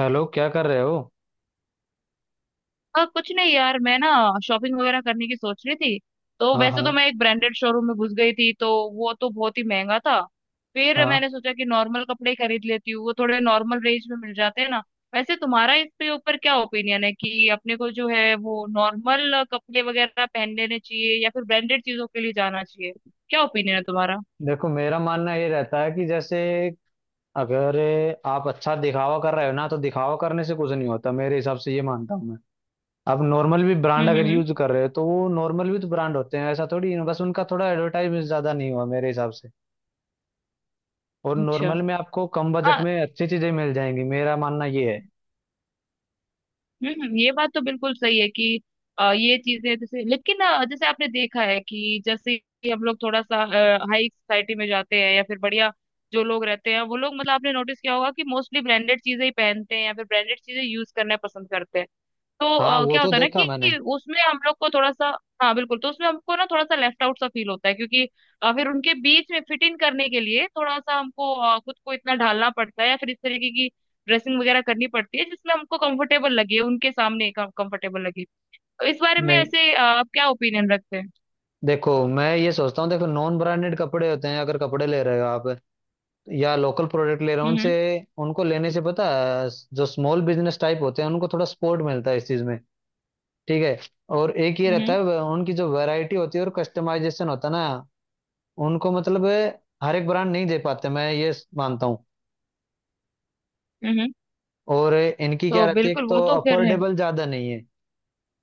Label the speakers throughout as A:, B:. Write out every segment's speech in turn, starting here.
A: Hello, क्या कर रहे हो?
B: हाँ कुछ नहीं यार, मैं ना शॉपिंग वगैरह करने की सोच रही थी। तो
A: हाँ,
B: वैसे तो
A: हाँ।
B: मैं एक ब्रांडेड शोरूम में घुस गई थी, तो वो तो बहुत ही महंगा था। फिर
A: हाँ।
B: मैंने सोचा कि नॉर्मल कपड़े ही खरीद लेती हूँ, वो थोड़े नॉर्मल रेंज में मिल जाते हैं ना। वैसे तुम्हारा इसके ऊपर क्या ओपिनियन है कि अपने को जो है वो नॉर्मल कपड़े वगैरह पहन लेने चाहिए या फिर ब्रांडेड चीजों के लिए जाना चाहिए? क्या ओपिनियन है तुम्हारा?
A: देखो, मेरा मानना ये रहता है कि जैसे अगर आप अच्छा दिखावा कर रहे हो ना, तो दिखावा करने से कुछ नहीं होता मेरे हिसाब से, ये मानता हूँ मैं। आप नॉर्मल भी ब्रांड
B: हम्म
A: अगर
B: हम्म
A: यूज
B: हम्म।
A: कर रहे हो तो वो नॉर्मल भी तो ब्रांड होते हैं, ऐसा थोड़ी है, बस उनका थोड़ा एडवर्टाइज ज्यादा नहीं हुआ मेरे हिसाब से। और
B: अच्छा।
A: नॉर्मल में आपको कम बजट
B: हाँ।
A: में अच्छी चीजें मिल जाएंगी, मेरा मानना ये है।
B: ये बात तो बिल्कुल सही है कि ये चीजें जैसे, लेकिन जैसे आपने देखा है कि जैसे ही हम लोग थोड़ा सा हाई सोसाइटी में जाते हैं या फिर बढ़िया जो लोग रहते हैं वो लोग, मतलब आपने नोटिस किया होगा कि मोस्टली ब्रांडेड चीजें ही पहनते हैं या फिर ब्रांडेड चीजें यूज करना पसंद करते हैं। तो
A: हाँ, वो
B: क्या
A: तो
B: होता है ना
A: देखा मैंने।
B: कि उसमें हम लोग को थोड़ा सा। हाँ बिल्कुल, तो उसमें हमको ना थोड़ा सा लेफ्ट आउट सा फील होता है, क्योंकि फिर उनके बीच में फिट इन करने के लिए थोड़ा सा हमको खुद को इतना ढालना पड़ता है या फिर इस तरीके की ड्रेसिंग वगैरह करनी पड़ती है जिसमें हमको कंफर्टेबल लगे, उनके सामने कंफर्टेबल लगे। तो इस बारे में
A: नहीं,
B: ऐसे, आप क्या ओपिनियन रखते हैं?
A: देखो मैं ये सोचता हूँ, देखो नॉन ब्रांडेड कपड़े होते हैं, अगर कपड़े ले रहे हो आप या लोकल प्रोडक्ट ले रहा हूँ उनसे,
B: हम्म
A: उनको लेने से पता है, जो स्मॉल बिजनेस टाइप होते हैं उनको थोड़ा सपोर्ट मिलता है इस चीज में। ठीक है। और एक ये रहता
B: हम्म
A: है उनकी जो वैरायटी होती है और कस्टमाइजेशन होता है ना, उनको मतलब हर एक ब्रांड नहीं दे पाते, मैं ये मानता हूँ।
B: हम्म हम्म।
A: और इनकी क्या
B: तो
A: रहती है, एक
B: बिल्कुल,
A: तो
B: वो तो खैर है।
A: अफोर्डेबल ज्यादा नहीं है।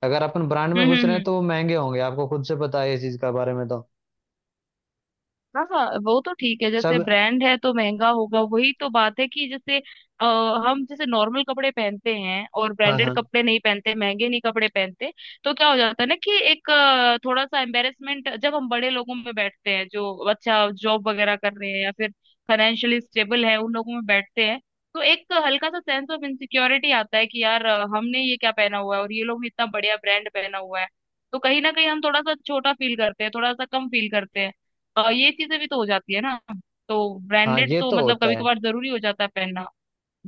A: अगर अपन ब्रांड में घुस रहे हैं
B: हम्म।
A: तो वो महंगे होंगे, आपको खुद से पता है इस चीज का बारे में तो
B: हाँ हाँ, वो तो ठीक है, जैसे
A: सब।
B: ब्रांड है तो महंगा होगा, वही तो बात है कि जैसे अ, हम जैसे नॉर्मल कपड़े पहनते हैं और
A: हाँ,
B: ब्रांडेड
A: हाँ।
B: कपड़े नहीं पहनते, महंगे नहीं कपड़े पहनते, तो क्या हो जाता है ना कि एक थोड़ा सा एम्बेरसमेंट, जब हम बड़े लोगों में बैठते हैं जो अच्छा जॉब वगैरह कर रहे हैं या फिर फाइनेंशियली स्टेबल है उन लोगों में बैठते हैं, तो एक हल्का सा सेंस ऑफ इनसिक्योरिटी आता है कि यार, हमने ये क्या पहना हुआ है और ये लोग भी इतना बढ़िया ब्रांड पहना हुआ है। तो कहीं ना कहीं हम थोड़ा सा छोटा फील करते हैं, थोड़ा सा कम फील करते हैं। ये चीजें भी तो हो जाती है ना। तो
A: हाँ,
B: ब्रांडेड
A: ये
B: तो
A: तो
B: मतलब
A: होता
B: कभी
A: है।
B: कभार जरूरी हो जाता है पहनना।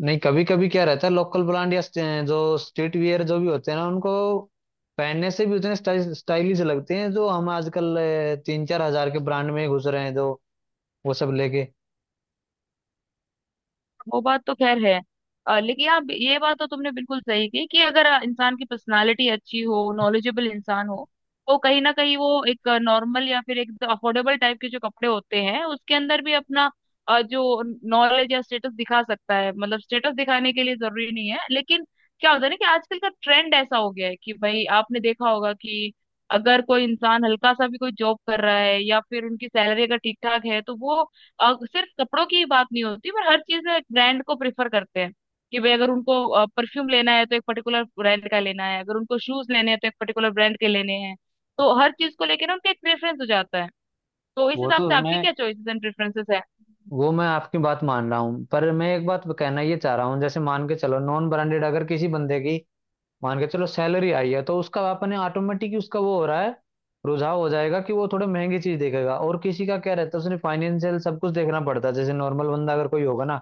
A: नहीं, कभी कभी क्या रहता है, लोकल ब्रांड या जो स्ट्रीट वियर जो भी होते हैं ना, उनको पहनने से भी उतने स्टाइलिश लगते हैं, जो हम आजकल 3-4 हजार के ब्रांड में घुस रहे हैं, जो वो सब लेके।
B: वो बात तो खैर है। लेकिन आप ये बात तो तुमने बिल्कुल सही की कि अगर इंसान की पर्सनालिटी अच्छी हो, नॉलेजेबल इंसान हो, तो कहीं ना कहीं वो एक नॉर्मल या फिर एक अफोर्डेबल टाइप के जो कपड़े होते हैं उसके अंदर भी अपना जो नॉलेज या स्टेटस दिखा सकता है, मतलब स्टेटस दिखाने के लिए जरूरी नहीं है, लेकिन क्या होता है ना कि आजकल का ट्रेंड ऐसा हो गया है कि भाई आपने देखा होगा कि अगर कोई इंसान हल्का सा भी कोई जॉब कर रहा है या फिर उनकी सैलरी अगर ठीक ठाक है, तो वो और सिर्फ कपड़ों की ही बात नहीं होती पर हर चीज में ब्रांड को प्रेफर करते हैं कि भाई अगर उनको परफ्यूम लेना है तो एक पर्टिकुलर ब्रांड का लेना है, अगर उनको शूज लेने हैं तो एक पर्टिकुलर ब्रांड के लेने हैं। तो हर चीज को लेकर ना उनका एक प्रेफरेंस हो जाता है। तो इस
A: वो
B: हिसाब
A: तो
B: से आपकी
A: मैं
B: क्या चॉइसेस एंड प्रेफरेंसेस है?
A: वो मैं आपकी बात मान रहा हूँ, पर मैं एक बात कहना ये चाह रहा हूँ, जैसे मान के चलो नॉन ब्रांडेड अगर किसी बंदे की मान के चलो सैलरी आई है तो उसका अपने ऑटोमेटिक उसका वो हो रहा है, रुझाव हो जाएगा कि वो थोड़ा महंगी चीज देखेगा, और किसी का क्या रहता है उसने फाइनेंशियल सब कुछ देखना पड़ता है, जैसे नॉर्मल बंदा अगर कोई होगा ना,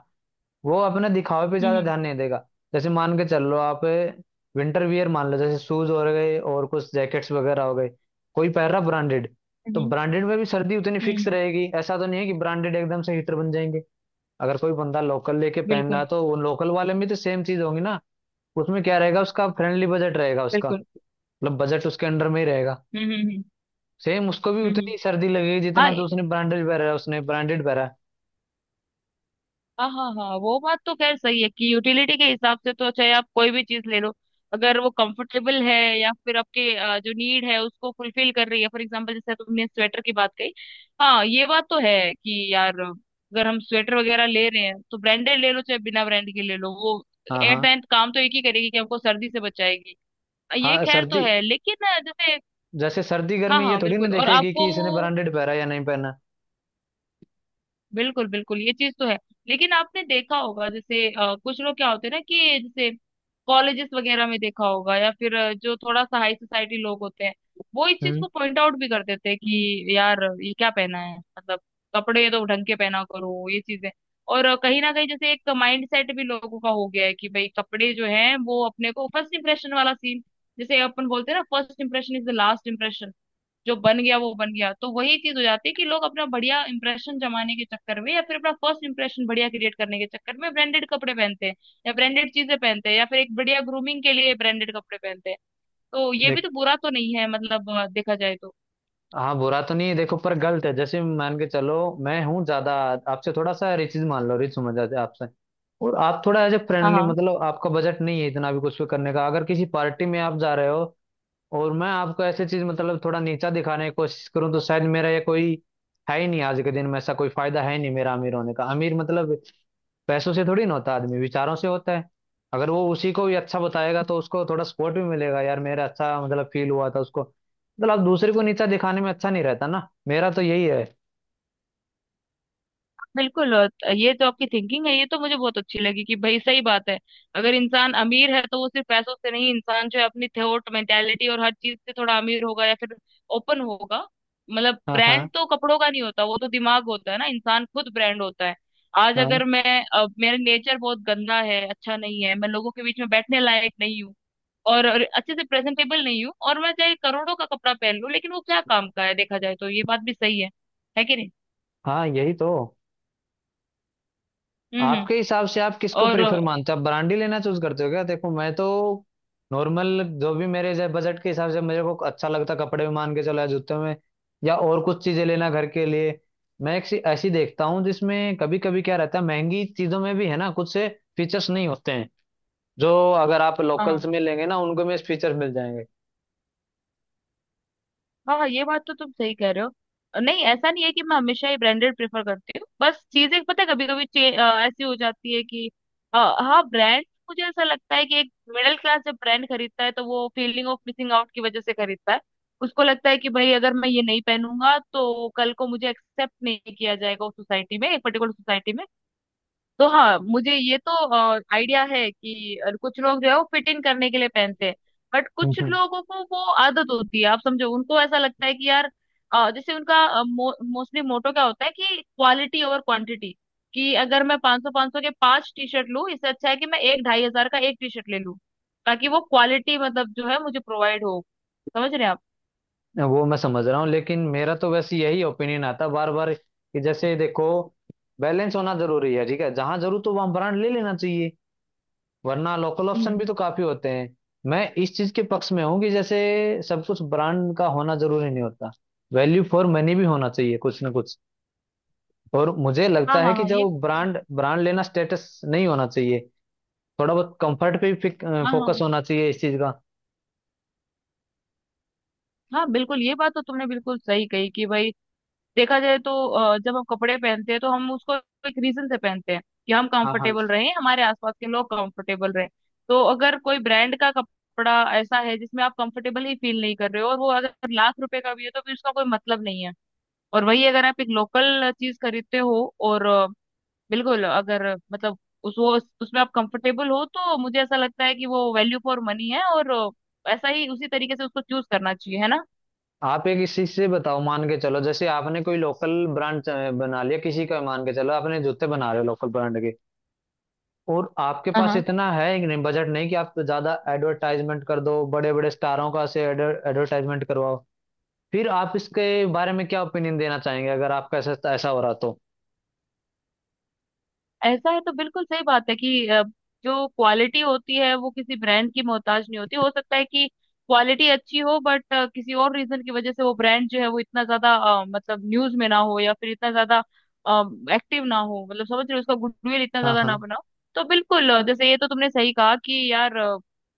A: वो अपने दिखावे पे ज्यादा
B: हम्म
A: ध्यान नहीं देगा। जैसे मान के चल लो आप विंटर वियर मान लो, जैसे शूज हो गए और कुछ जैकेट्स वगैरह हो गए, कोई पहन रहा ब्रांडेड, तो
B: हम्म
A: ब्रांडेड में भी सर्दी उतनी
B: हम्म
A: फिक्स
B: हम्म,
A: रहेगी, ऐसा तो नहीं है कि ब्रांडेड एकदम से हीटर बन जाएंगे। अगर कोई बंदा लोकल लेके पहन रहा
B: बिल्कुल
A: है तो वो लोकल वाले में तो सेम चीज होगी ना, उसमें क्या रहेगा, उसका फ्रेंडली बजट रहेगा उसका,
B: बिल्कुल।
A: मतलब बजट उसके अंडर में ही रहेगा।
B: हम्म हम्म हम्म
A: सेम उसको भी
B: हम्म,
A: उतनी सर्दी लगेगी,
B: हाँ
A: जितना तो उसने ब्रांडेड पहना है, उसने ब्रांडेड पहना है।
B: हाँ हाँ। हाँ वो बात तो खैर सही है कि यूटिलिटी के हिसाब से तो चाहे आप कोई भी चीज ले लो, अगर वो कंफर्टेबल है या फिर आपके जो नीड है उसको फुलफिल कर रही है। फॉर एग्जांपल जैसे तुमने स्वेटर की बात कही, हाँ ये बात तो है कि यार अगर हम स्वेटर वगैरह ले रहे हैं तो ब्रांडेड ले लो चाहे बिना ब्रांड के ले लो, वो
A: हाँ, हाँ।
B: एट द एंड काम तो एक ही करेगी कि हमको सर्दी से बचाएगी। ये
A: हाँ,
B: खैर तो
A: सर्दी
B: है, लेकिन जैसे,
A: जैसे सर्दी
B: हाँ
A: गर्मी ये
B: हाँ
A: थोड़ी ना
B: बिल्कुल, और
A: देखेगी
B: आपको
A: कि इसने ब्रांडेड पहना या नहीं पहना।
B: बिल्कुल बिल्कुल, ये चीज तो है। लेकिन आपने देखा होगा जैसे कुछ लोग क्या होते हैं ना कि जैसे कॉलेजेस वगैरह में देखा होगा, या फिर जो थोड़ा सा हाई सोसाइटी लोग होते हैं, वो इस चीज
A: हम्म।
B: को पॉइंट आउट भी कर देते हैं कि यार ये क्या पहना है, मतलब कपड़े तो ढंग के पहना करो, ये चीजें। और कहीं ना कहीं जैसे एक माइंड सेट भी लोगों का हो गया है कि भाई कपड़े जो है वो अपने को फर्स्ट इंप्रेशन वाला सीन, जैसे अपन बोलते हैं ना first impression is the last. जो बन गया वो बन गया, तो वही चीज हो जाती है कि लोग अपना बढ़िया इंप्रेशन जमाने के चक्कर में या फिर अपना फर्स्ट इंप्रेशन बढ़िया क्रिएट करने के चक्कर में ब्रांडेड कपड़े पहनते हैं, या ब्रांडेड चीजें पहनते हैं, या फिर एक बढ़िया ग्रूमिंग के लिए ब्रांडेड कपड़े पहनते हैं। तो ये भी
A: देख
B: तो बुरा तो नहीं है, मतलब देखा जाए तो।
A: हाँ, बुरा तो नहीं है देखो, पर गलत है। जैसे मान के चलो मैं हूँ ज्यादा आपसे थोड़ा सा रिच, मान लो रिच समझ जाते हैं आपसे, और आप थोड़ा एज ए
B: हाँ
A: फ्रेंडली,
B: हाँ
A: मतलब आपका बजट नहीं है इतना भी कुछ भी करने का, अगर किसी पार्टी में आप जा रहे हो और मैं आपको ऐसे चीज मतलब थोड़ा नीचा दिखाने की कोशिश करूँ, तो शायद मेरा ये कोई है ही नहीं, आज के दिन में ऐसा कोई फायदा है ही नहीं मेरा अमीर होने का। अमीर मतलब पैसों से थोड़ी ना होता, आदमी विचारों से होता है। अगर वो उसी को भी अच्छा बताएगा तो उसको थोड़ा सपोर्ट भी मिलेगा, यार मेरा अच्छा मतलब फील हुआ था उसको, मतलब आप दूसरे को नीचा दिखाने में अच्छा नहीं रहता ना, मेरा तो यही है।
B: बिल्कुल, और ये तो आपकी थिंकिंग है, ये तो मुझे बहुत अच्छी लगी कि भाई सही बात है। अगर इंसान अमीर है तो वो सिर्फ पैसों से नहीं, इंसान जो है अपनी थॉट मेंटेलिटी और हर चीज से थोड़ा अमीर होगा या फिर ओपन होगा। मतलब
A: हाँ, हाँ।
B: ब्रांड तो कपड़ों का नहीं होता, वो तो दिमाग होता है ना, इंसान खुद ब्रांड होता है। आज
A: हाँ,
B: अगर मैं, अब मेरा नेचर बहुत गंदा है, अच्छा नहीं है, मैं लोगों के बीच में बैठने लायक नहीं हूँ, और अच्छे से प्रेजेंटेबल नहीं हूँ, और मैं चाहे करोड़ों का कपड़ा पहन लूं लेकिन वो क्या काम का है? देखा जाए तो ये बात भी सही है कि नहीं?
A: हाँ यही तो।
B: हम्म।
A: आपके हिसाब से आप किसको
B: और
A: प्रेफर मानते हो, आप ब्रांडी लेना चूज करते हो क्या? देखो मैं तो नॉर्मल, जो भी मेरे जब बजट के हिसाब से मेरे को अच्छा लगता कपड़े में मान के चलो, या जूते में, या और कुछ चीजें लेना घर के लिए, मैं एक ऐसी देखता हूँ जिसमें कभी कभी क्या रहता है, महंगी चीजों में भी है ना, कुछ से फीचर्स नहीं होते हैं, जो अगर आप
B: हाँ
A: लोकल्स में लेंगे ना, उनको में फीचर मिल जाएंगे।
B: हाँ, ये बात तो तुम सही कह रहे हो। नहीं ऐसा नहीं है कि मैं हमेशा ही ब्रांडेड प्रेफर करती हूँ, बस चीजें पता है कभी कभी ऐसी हो जाती है कि हाँ ब्रांड, मुझे ऐसा लगता है कि एक मिडिल क्लास जब ब्रांड खरीदता है तो वो फीलिंग ऑफ मिसिंग आउट की वजह से खरीदता है। उसको लगता है कि भाई अगर मैं ये नहीं पहनूंगा तो कल को मुझे एक्सेप्ट नहीं किया जाएगा उस सोसाइटी में, एक पर्टिकुलर सोसाइटी में। तो हाँ मुझे ये तो आइडिया है कि कुछ लोग जो है वो फिट इन करने के लिए पहनते हैं, बट कुछ
A: हम्म।
B: लोगों को वो आदत होती है, आप समझो उनको ऐसा लगता है कि यार, जैसे उनका मोस्टली मोटो क्या होता है कि क्वालिटी ओवर क्वांटिटी, कि अगर मैं 500 500 के पांच टी शर्ट लूं इससे अच्छा है कि मैं एक ढाई हजार का एक टी शर्ट ले लूं, ताकि वो क्वालिटी मतलब जो है मुझे प्रोवाइड हो। समझ रहे हैं आप?
A: वो मैं समझ रहा हूँ, लेकिन मेरा तो वैसे यही ओपिनियन आता बार बार कि जैसे देखो, बैलेंस होना जरूरी है, ठीक है? जहां जरूरत हो वहां ब्रांड ले लेना चाहिए, वरना लोकल ऑप्शन
B: हम्म।
A: भी तो काफी होते हैं। मैं इस चीज के पक्ष में हूँ कि जैसे सब कुछ ब्रांड का होना जरूरी नहीं होता, वैल्यू फॉर मनी भी होना चाहिए कुछ ना कुछ। और मुझे
B: हाँ
A: लगता है
B: हाँ
A: कि
B: हाँ, ये
A: जो ब्रांड ब्रांड लेना स्टेटस नहीं होना चाहिए, थोड़ा बहुत कंफर्ट पे भी
B: हाँ हाँ
A: फोकस होना चाहिए इस चीज का।
B: हाँ बिल्कुल, ये बात तो तुमने बिल्कुल सही कही कि भाई देखा जाए तो जब हम कपड़े पहनते हैं तो हम उसको एक रीजन से पहनते हैं कि हम
A: हाँ, हाँ।
B: कंफर्टेबल रहें, हमारे आसपास के लोग कंफर्टेबल रहें। तो अगर कोई ब्रांड का कपड़ा ऐसा है जिसमें आप कंफर्टेबल ही फील नहीं कर रहे हो और वो अगर लाख रुपए का भी है तो फिर उसका कोई मतलब नहीं है। और वही अगर आप एक लोकल चीज खरीदते हो और बिल्कुल अगर, मतलब उस वो उसमें आप कंफर्टेबल हो, तो मुझे ऐसा लगता है कि वो वैल्यू फॉर मनी है। और ऐसा ही उसी तरीके से उसको चूज करना चाहिए, है ना?
A: आप एक इस चीज से बताओ, मान के चलो जैसे आपने कोई लोकल ब्रांड बना लिया किसी का, मान के चलो आपने जूते बना रहे हो लोकल ब्रांड के, और आपके पास
B: हाँ
A: इतना है बजट नहीं कि आप ज्यादा एडवर्टाइजमेंट कर दो, बड़े बड़े स्टारों का से एडवर्टाइजमेंट करवाओ, फिर आप इसके बारे में क्या ओपिनियन देना चाहेंगे अगर आपका ऐसा ऐसा हो रहा तो?
B: ऐसा है तो बिल्कुल सही बात है कि जो क्वालिटी होती है वो किसी ब्रांड की मोहताज नहीं होती, हो सकता है कि क्वालिटी अच्छी हो बट किसी और रीजन की वजह से वो ब्रांड जो है वो इतना ज्यादा मतलब न्यूज में ना हो या फिर इतना ज्यादा एक्टिव ना हो, मतलब समझ रहे हो उसका गुडविल इतना
A: हाँ।
B: ज्यादा ना
A: हाँ।
B: बनाओ। तो बिल्कुल, जैसे ये तो तुमने सही कहा कि यार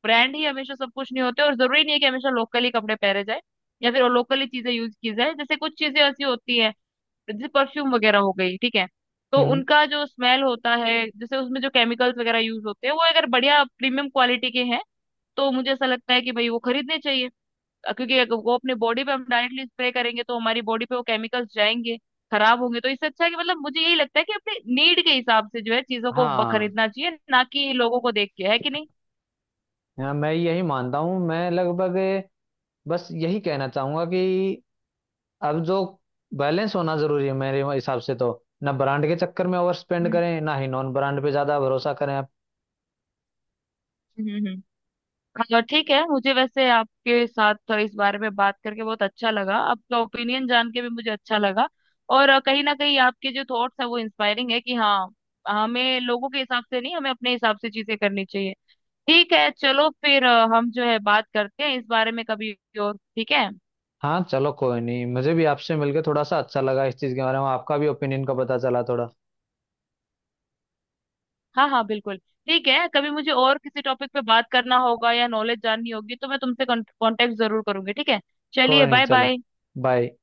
B: ब्रांड ही हमेशा सब कुछ नहीं होते, और जरूरी नहीं है कि हमेशा लोकली कपड़े पहने जाए या फिर लोकली चीजें यूज की जाए। जैसे कुछ चीजें ऐसी होती है जैसे परफ्यूम वगैरह हो गई, ठीक है, तो
A: हम्म।
B: उनका जो स्मेल होता है जैसे उसमें जो केमिकल्स वगैरह यूज होते हैं वो अगर बढ़िया प्रीमियम क्वालिटी के हैं, तो मुझे ऐसा लगता है कि भाई वो खरीदने चाहिए। क्योंकि अगर वो अपने बॉडी पे हम डायरेक्टली स्प्रे करेंगे तो हमारी बॉडी पे वो केमिकल्स जाएंगे, खराब होंगे, तो इससे अच्छा है कि, मतलब मुझे यही लगता है कि अपने नीड के हिसाब से जो है चीजों को ब-
A: हाँ,
B: खरीदना चाहिए, ना कि लोगों को देख के, है कि नहीं?
A: हाँ, मैं यही मानता हूँ, मैं लगभग बस यही कहना चाहूंगा कि अब जो बैलेंस होना जरूरी है मेरे हिसाब से, तो ना ब्रांड के चक्कर में ओवर स्पेंड
B: हम्म
A: करें, ना ही नॉन ब्रांड पे ज्यादा भरोसा करें।
B: हम्म हम्म। हाँ, ठीक है, मुझे वैसे आपके साथ तो इस बारे में बात करके बहुत अच्छा लगा, आपका ओपिनियन जान के भी मुझे अच्छा लगा। और कहीं ना कहीं आपके जो थॉट्स हैं वो इंस्पायरिंग है कि हाँ, हमें लोगों के हिसाब से नहीं, हमें अपने हिसाब से चीजें करनी चाहिए। ठीक है, चलो फिर हम जो है बात करते हैं इस बारे में कभी और, ठीक है।
A: हाँ, चलो कोई नहीं, मुझे भी आपसे मिलके थोड़ा सा अच्छा लगा, इस चीज के बारे में आपका भी ओपिनियन का पता चला थोड़ा।
B: हाँ हाँ बिल्कुल। ठीक है, कभी मुझे और किसी टॉपिक पे बात करना होगा या नॉलेज जाननी होगी तो मैं तुमसे कांटेक्ट जरूर करूंगी, ठीक है। चलिए,
A: कोई नहीं,
B: बाय
A: चलो,
B: बाय।
A: बाय।